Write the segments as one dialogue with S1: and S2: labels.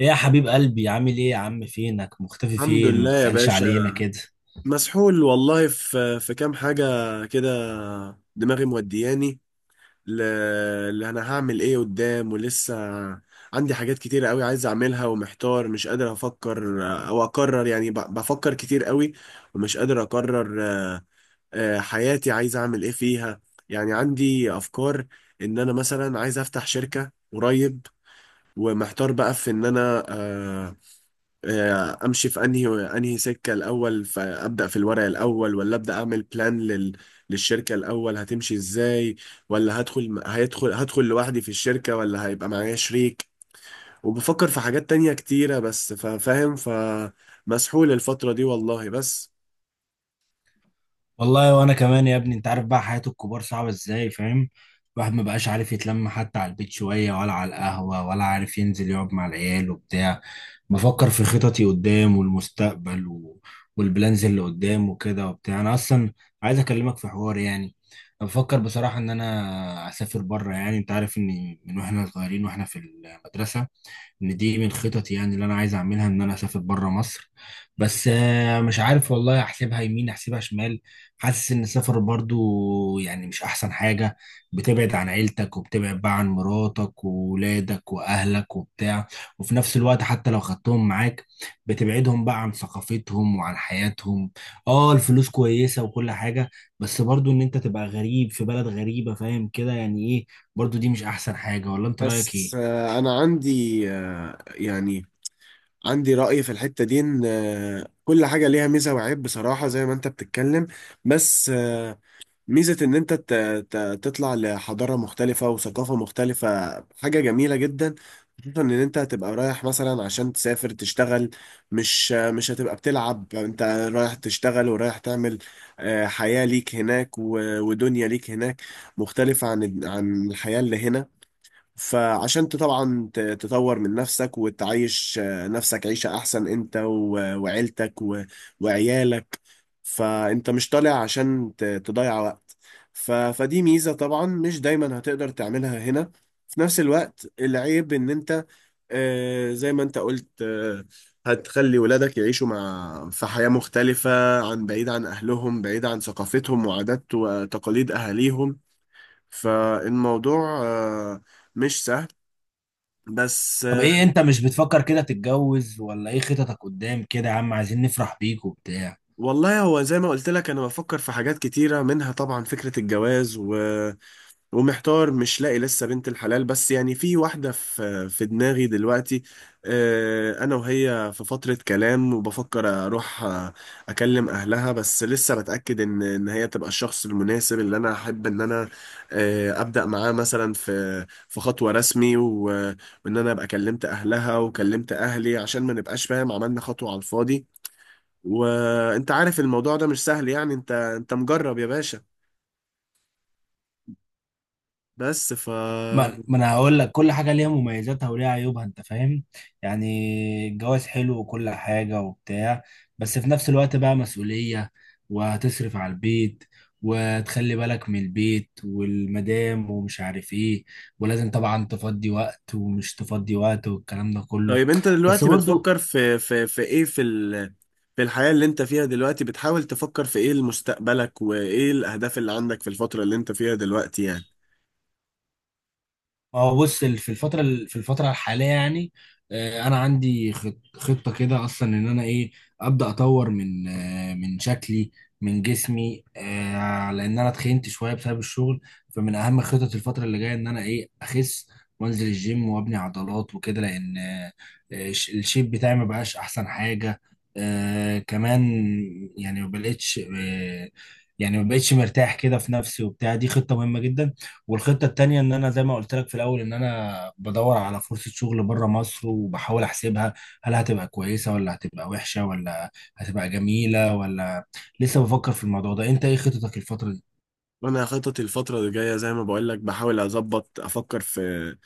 S1: ايه يا حبيب قلبي، عامل ايه يا عم؟ فينك مختفي؟
S2: الحمد
S1: فين ما
S2: لله يا
S1: بتسألش
S2: باشا.
S1: علينا كده؟
S2: مسحول والله في كام حاجة كده. دماغي مودياني ل- اللي انا هعمل ايه قدام. ولسه عندي حاجات كتيرة قوي عايز اعملها ومحتار، مش قادر افكر او اقرر. يعني بفكر كتير قوي ومش قادر اقرر. حياتي عايز اعمل ايه فيها؟ يعني عندي افكار ان انا مثلا عايز افتح شركة قريب، ومحتار بقى في ان انا امشي في انهي سكه الاول، فابدا في الورق الاول ولا ابدا اعمل بلان للشركه الاول هتمشي ازاي، ولا هدخل هدخل لوحدي في الشركه ولا هيبقى معايا شريك. وبفكر في حاجات تانية كتيره، بس فاهم. فمسحول الفتره دي والله، بس
S1: والله وانا كمان يا ابني، انت عارف بقى حياة الكبار صعبة ازاي، فاهم؟ الواحد ما بقاش عارف يتلم حتى على البيت شوية، ولا على القهوة، ولا عارف ينزل يقعد مع العيال وبتاع. بفكر في خططي قدام والمستقبل والبلانز اللي قدام وكده وبتاع. انا اصلا عايز اكلمك في حوار، يعني أنا بفكر بصراحة ان انا اسافر بره. يعني انت عارف ان من واحنا صغيرين واحنا في المدرسة، ان دي من خططي، يعني اللي انا عايز اعملها ان انا اسافر بره مصر. بس مش عارف والله، احسبها يمين احسبها شمال. حاسس ان السفر برضو يعني مش احسن حاجة. بتبعد عن عيلتك، وبتبعد بقى عن مراتك وولادك واهلك وبتاع. وفي نفس الوقت حتى لو خدتهم معاك، بتبعدهم بقى عن ثقافتهم وعن حياتهم. اه، الفلوس كويسة وكل حاجة، بس برضو ان انت تبقى غريب في بلد غريبة، فاهم كده يعني ايه؟ برضو دي مش احسن حاجة، ولا انت رأيك ايه؟
S2: انا عندي يعني عندي رأي في الحتة دي، ان كل حاجة ليها ميزة وعيب بصراحة، زي ما انت بتتكلم. بس ميزة إن أنت تطلع لحضارة مختلفة وثقافة مختلفة، حاجة جميلة جدا. خصوصا إن أنت هتبقى رايح مثلا عشان تسافر تشتغل، مش هتبقى بتلعب أنت، رايح تشتغل ورايح تعمل حياة ليك هناك ودنيا ليك هناك، مختلفة عن الحياة اللي هنا. فعشان انت طبعا تطور من نفسك وتعيش نفسك عيشة احسن، انت وعيلتك وعيالك. فانت مش طالع عشان تضيع وقت. فدي ميزة طبعا مش دايما هتقدر تعملها هنا. في نفس الوقت العيب ان انت زي ما انت قلت، هتخلي ولادك يعيشوا مع في حياة مختلفة، عن بعيد عن اهلهم، بعيد عن ثقافتهم وعادات وتقاليد اهاليهم. فالموضوع مش سهل، بس
S1: طب ايه، انت مش بتفكر كده تتجوز؟ ولا ايه خططك قدام كده يا عم؟ عايزين نفرح بيك وبتاع.
S2: والله هو زي ما قلت لك، انا بفكر في حاجات كتيرة منها طبعا فكرة الجواز و... ومحتار مش لاقي لسه بنت الحلال، بس يعني في واحدة في دماغي دلوقتي. انا وهي في فترة كلام، وبفكر اروح اكلم اهلها. بس لسه بتأكد ان هي تبقى الشخص المناسب اللي انا احب ان انا ابدأ معاه مثلا في خطوة رسمي و... وان انا ابقى كلمت اهلها وكلمت اهلي عشان ما نبقاش فاهم عملنا خطوة على الفاضي. وانت عارف الموضوع ده مش سهل، يعني انت مجرب يا باشا. بس ف
S1: ما انا هقول لك، كل حاجه ليها مميزاتها وليها عيوبها، انت فاهم؟ يعني الجواز حلو وكل حاجه وبتاع، بس في نفس الوقت بقى مسؤوليه، وهتصرف على البيت، وتخلي بالك من البيت والمدام، ومش عارف ايه، ولازم طبعا تفضي وقت ومش تفضي وقت، والكلام ده كله.
S2: طيب انت
S1: بس
S2: دلوقتي
S1: برضو.
S2: بتفكر في في ايه، في ال... في الحياة اللي انت فيها دلوقتي، بتحاول تفكر في ايه لمستقبلك، وايه الاهداف اللي عندك في الفترة اللي انت فيها دلوقتي يعني؟
S1: ما هو بص، في الفترة في الفترة الحالية يعني. أنا عندي خطة كده أصلا إن أنا إيه، أبدأ أطور من من شكلي، من جسمي. لأن أنا اتخنت شوية بسبب الشغل، فمن أهم خطط الفترة اللي جاية إن أنا إيه أخس، وأنزل الجيم وأبني عضلات وكده. لأن الشيب بتاعي ما بقاش أحسن حاجة. كمان، يعني ما بقتش آه، يعني ما بقتش مرتاح كده في نفسي وبتاع. دي خطة مهمة جدا. والخطة التانية ان انا زي ما قلت لك في الاول، ان انا بدور على فرصة شغل بره مصر، وبحاول احسبها، هل هتبقى كويسة، ولا هتبقى وحشة، ولا هتبقى جميلة، ولا لسه بفكر في الموضوع ده. انت ايه خطتك الفترة دي؟
S2: وانا خططي الفترة اللي جاية زي ما بقول لك، بحاول اظبط افكر في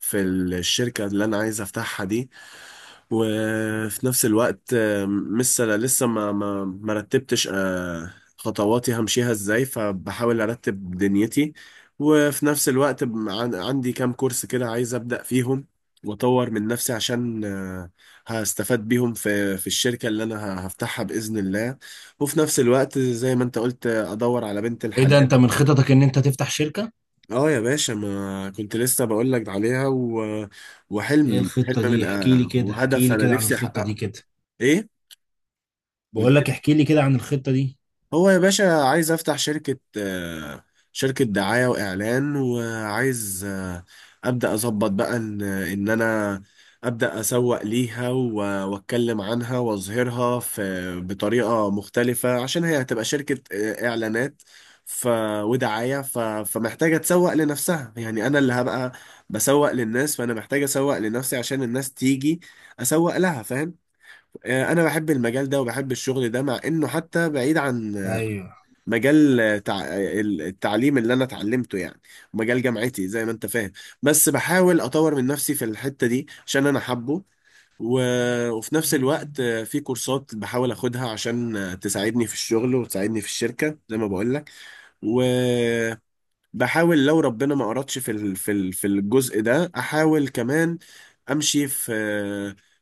S2: في الشركة اللي انا عايز افتحها دي. وفي نفس الوقت لسه ما رتبتش خطواتي همشيها ازاي، فبحاول ارتب دنيتي. وفي نفس الوقت عندي كام كورس كده عايز ابدا فيهم واطور من نفسي، عشان هستفاد بيهم في في الشركة اللي انا هفتحها باذن الله. وفي نفس الوقت زي ما انت قلت ادور على بنت
S1: ايه ده،
S2: الحلال.
S1: انت من خططك ان انت تفتح شركة؟
S2: اه يا باشا، ما كنت لسه بقول لك عليها
S1: ايه
S2: وحلم
S1: الخطة
S2: حلم من
S1: دي؟ احكي لي
S2: آه،
S1: كده، احكي
S2: وهدف
S1: لي
S2: انا
S1: كده عن
S2: نفسي
S1: الخطة دي
S2: احققه.
S1: كده.
S2: ايه
S1: بقول
S2: قلت لي؟
S1: لك احكي لي كده عن الخطة دي.
S2: هو يا باشا عايز افتح شركة، شركة دعاية واعلان، وعايز ابدا اظبط بقى ان انا ابدا اسوق ليها واتكلم عنها واظهرها في بطريقة مختلفة، عشان هي هتبقى شركة اعلانات ف ودعاية ف... فمحتاجة تسوق لنفسها. يعني انا اللي هبقى بسوق للناس، فانا محتاج اسوق لنفسي عشان الناس تيجي اسوق لها، فاهم؟ انا بحب المجال ده وبحب الشغل ده، مع انه حتى بعيد عن
S1: ايوه.
S2: مجال تع- التعليم اللي انا اتعلمته، يعني مجال جامعتي زي ما انت فاهم. بس بحاول اطور من نفسي في الحتة دي عشان انا حابه. و... وفي نفس الوقت في كورسات بحاول اخدها عشان تساعدني في الشغل وتساعدني في الشركة زي ما بقول لك. و... بحاول لو ربنا ما أردش في ال- في ال- في الجزء ده، أحاول كمان أمشي في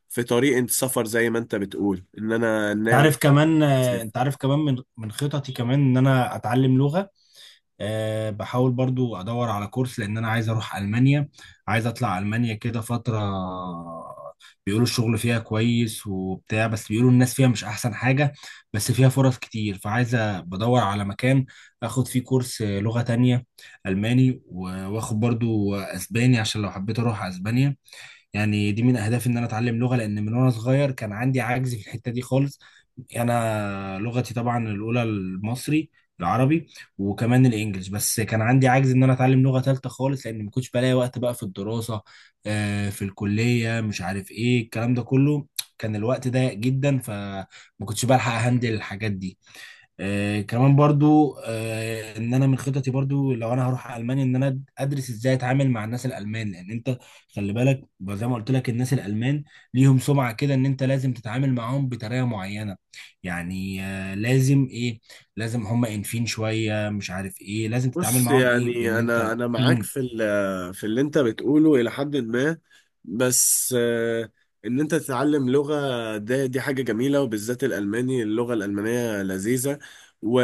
S2: في طريق السفر زي ما أنت بتقول إن أنا
S1: انت
S2: ناوي
S1: عارف كمان، انت
S2: أسافر.
S1: عارف كمان من من خططي كمان ان انا اتعلم لغة. أه، بحاول برضو ادور على كورس، لان انا عايز اروح المانيا. عايز اطلع المانيا كده فتره. بيقولوا الشغل فيها كويس وبتاع، بس بيقولوا الناس فيها مش احسن حاجه. بس فيها فرص كتير، فعايز بدور على مكان اخد فيه كورس لغه تانية، الماني، و- واخد برضو اسباني عشان لو حبيت اروح اسبانيا. يعني دي من اهدافي ان انا اتعلم لغه، لان من وانا صغير كان عندي عجز في الحته دي خالص. انا لغتي طبعا الاولى المصري، العربي، وكمان الانجليش. بس كان عندي عجز ان انا اتعلم لغه ثالثه خالص، لان ما كنتش بلاقي وقت بقى في الدراسه، في الكليه، مش عارف ايه الكلام ده كله. كان الوقت ضيق جدا، فما كنتش بلحق اهندل الحاجات دي. كمان برضو ان انا من خططي برضو، لو انا هروح المانيا، ان انا ادرس ازاي اتعامل مع الناس الالمان. لان انت خلي بالك، زي ما قلت لك، الناس الالمان ليهم سمعه كده ان انت لازم تتعامل معاهم بطريقه معينه. يعني آه لازم ايه، لازم هم انفين شويه، مش عارف ايه، لازم تتعامل
S2: بص
S1: معاهم ايه بان
S2: يعني
S1: انت
S2: انا معاك
S1: مم.
S2: في ال- في اللي انت بتقوله الى حد ما. بس ان انت تتعلم لغة ده، دي حاجة جميلة، وبالذات الالماني، اللغة الالمانية لذيذة. و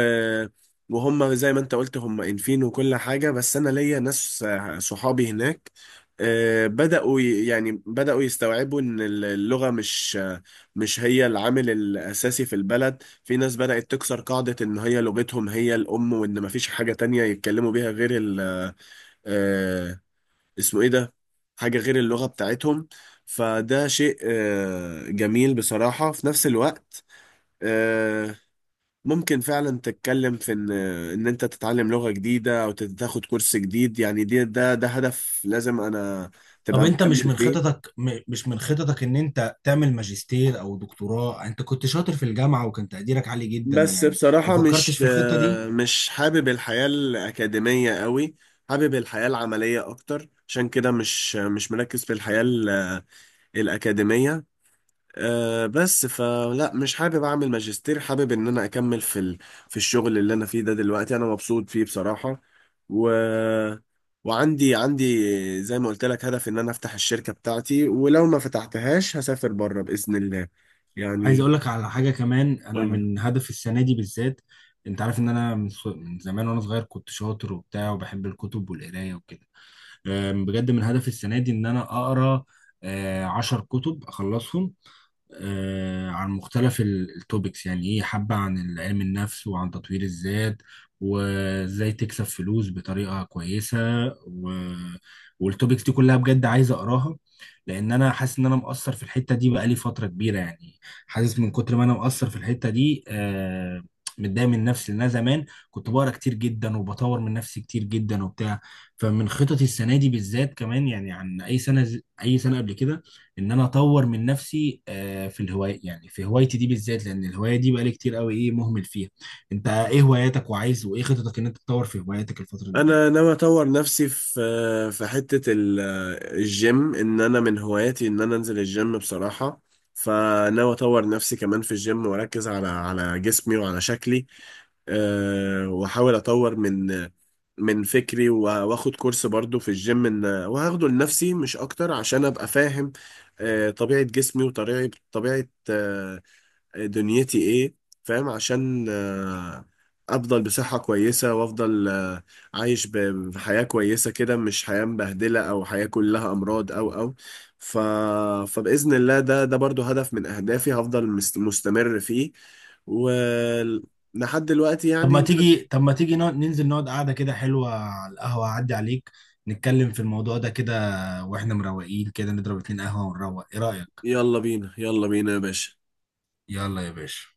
S2: وهم زي ما انت قلت هم انفين وكل حاجة، بس انا ليا ناس صحابي هناك بدأوا يعني بدأوا يستوعبوا ان اللغة مش مش هي العامل الاساسي في البلد. في ناس بدأت تكسر قاعدة إن هي لغتهم هي الأم، وإن مفيش حاجة تانية يتكلموا بيها غير ال آه اسمه إيه ده؟ حاجة غير اللغة بتاعتهم. فده شيء جميل بصراحة. في نفس الوقت آه ممكن فعلا تتكلم في إن أنت تتعلم لغة جديدة أو تاخد كورس جديد. يعني دي ده هدف لازم أنا
S1: طب
S2: تبقى
S1: انت مش
S2: مكمل
S1: من
S2: فيه.
S1: خططك، ان انت تعمل ماجستير او دكتوراه؟ انت كنت شاطر في الجامعه وكان تقديرك عالي جدا
S2: بس
S1: يعني. ما
S2: بصراحة
S1: فكرتش في الخطه دي؟
S2: مش حابب الحياة الأكاديمية قوي، حابب الحياة العملية أكتر، عشان كده مش مركز في الحياة ال- الأكاديمية. بس فلا مش حابب أعمل ماجستير، حابب إن أنا أكمل في ال- في الشغل اللي أنا فيه ده. دلوقتي أنا مبسوط فيه بصراحة. و عندي زي ما قلت لك هدف إن أنا أفتح الشركة بتاعتي، ولو ما فتحتهاش هسافر بره بإذن الله
S1: عايز
S2: يعني.
S1: اقول لك على حاجه كمان. انا من هدف السنه دي بالذات، انت عارف ان انا من من زمان وانا صغير كنت شاطر وبتاع وبحب الكتب والقرايه وكده. بجد من هدف السنه دي ان انا اقرا 10 كتب اخلصهم، عن مختلف التوبكس، يعني ايه، حبة عن علم النفس وعن تطوير الذات، وازاي تكسب فلوس بطريقة كويسة، و... والتوبكس دي كلها، بجد عايز اقراها. لان انا حاسس ان انا مقصر في الحتة دي بقالي فترة كبيرة يعني. حاسس من كتر ما انا مقصر في الحتة دي، متضايق من نفسي. لان انا زمان كنت بقرا كتير جدا وبطور من نفسي كتير جدا وبتاع. فمن خططي السنة دي بالذات، كمان يعني، عن اي سنة، اي سنة قبل كده، ان انا اطور من نفسي في الهوايه، يعني في هوايتي دي بالذات، لان الهوايه دي بقالي كتير قوي ايه مهمل فيها. انت ايه هواياتك، وعايز وايه خططك ان انت تطور في هواياتك الفتره اللي
S2: انا
S1: جايه؟
S2: ناوي اطور نفسي في في حته ال- الجيم، ان انا من هواياتي ان انا انزل الجيم بصراحه. فناوي اطور نفسي كمان في الجيم، واركز على جسمي وعلى شكلي. أه، واحاول اطور من من فكري واخد كورس برضو في الجيم، ان وهاخده لنفسي مش اكتر عشان ابقى فاهم أه طبيعه جسمي وطبيعه طبيعه آه، دنيتي ايه، فاهم؟ عشان افضل بصحة كويسة وافضل عايش بحياة كويسة كده، مش حياة مبهدلة او حياة كلها امراض او او ف... فبإذن الله ده برضو هدف من اهدافي، هفضل مستمر فيه ولحد دلوقتي
S1: طب ما
S2: يعني
S1: تيجي، طب ما تيجي ننزل نقعد قعده كده حلوه على القهوه، اعدي عليك، نتكلم في الموضوع ده كده. واحنا مروقين كده نضرب اتنين قهوه ونروق. ايه رايك؟
S2: يلا بينا، يلا بينا يا باشا.
S1: يلا يا باشا.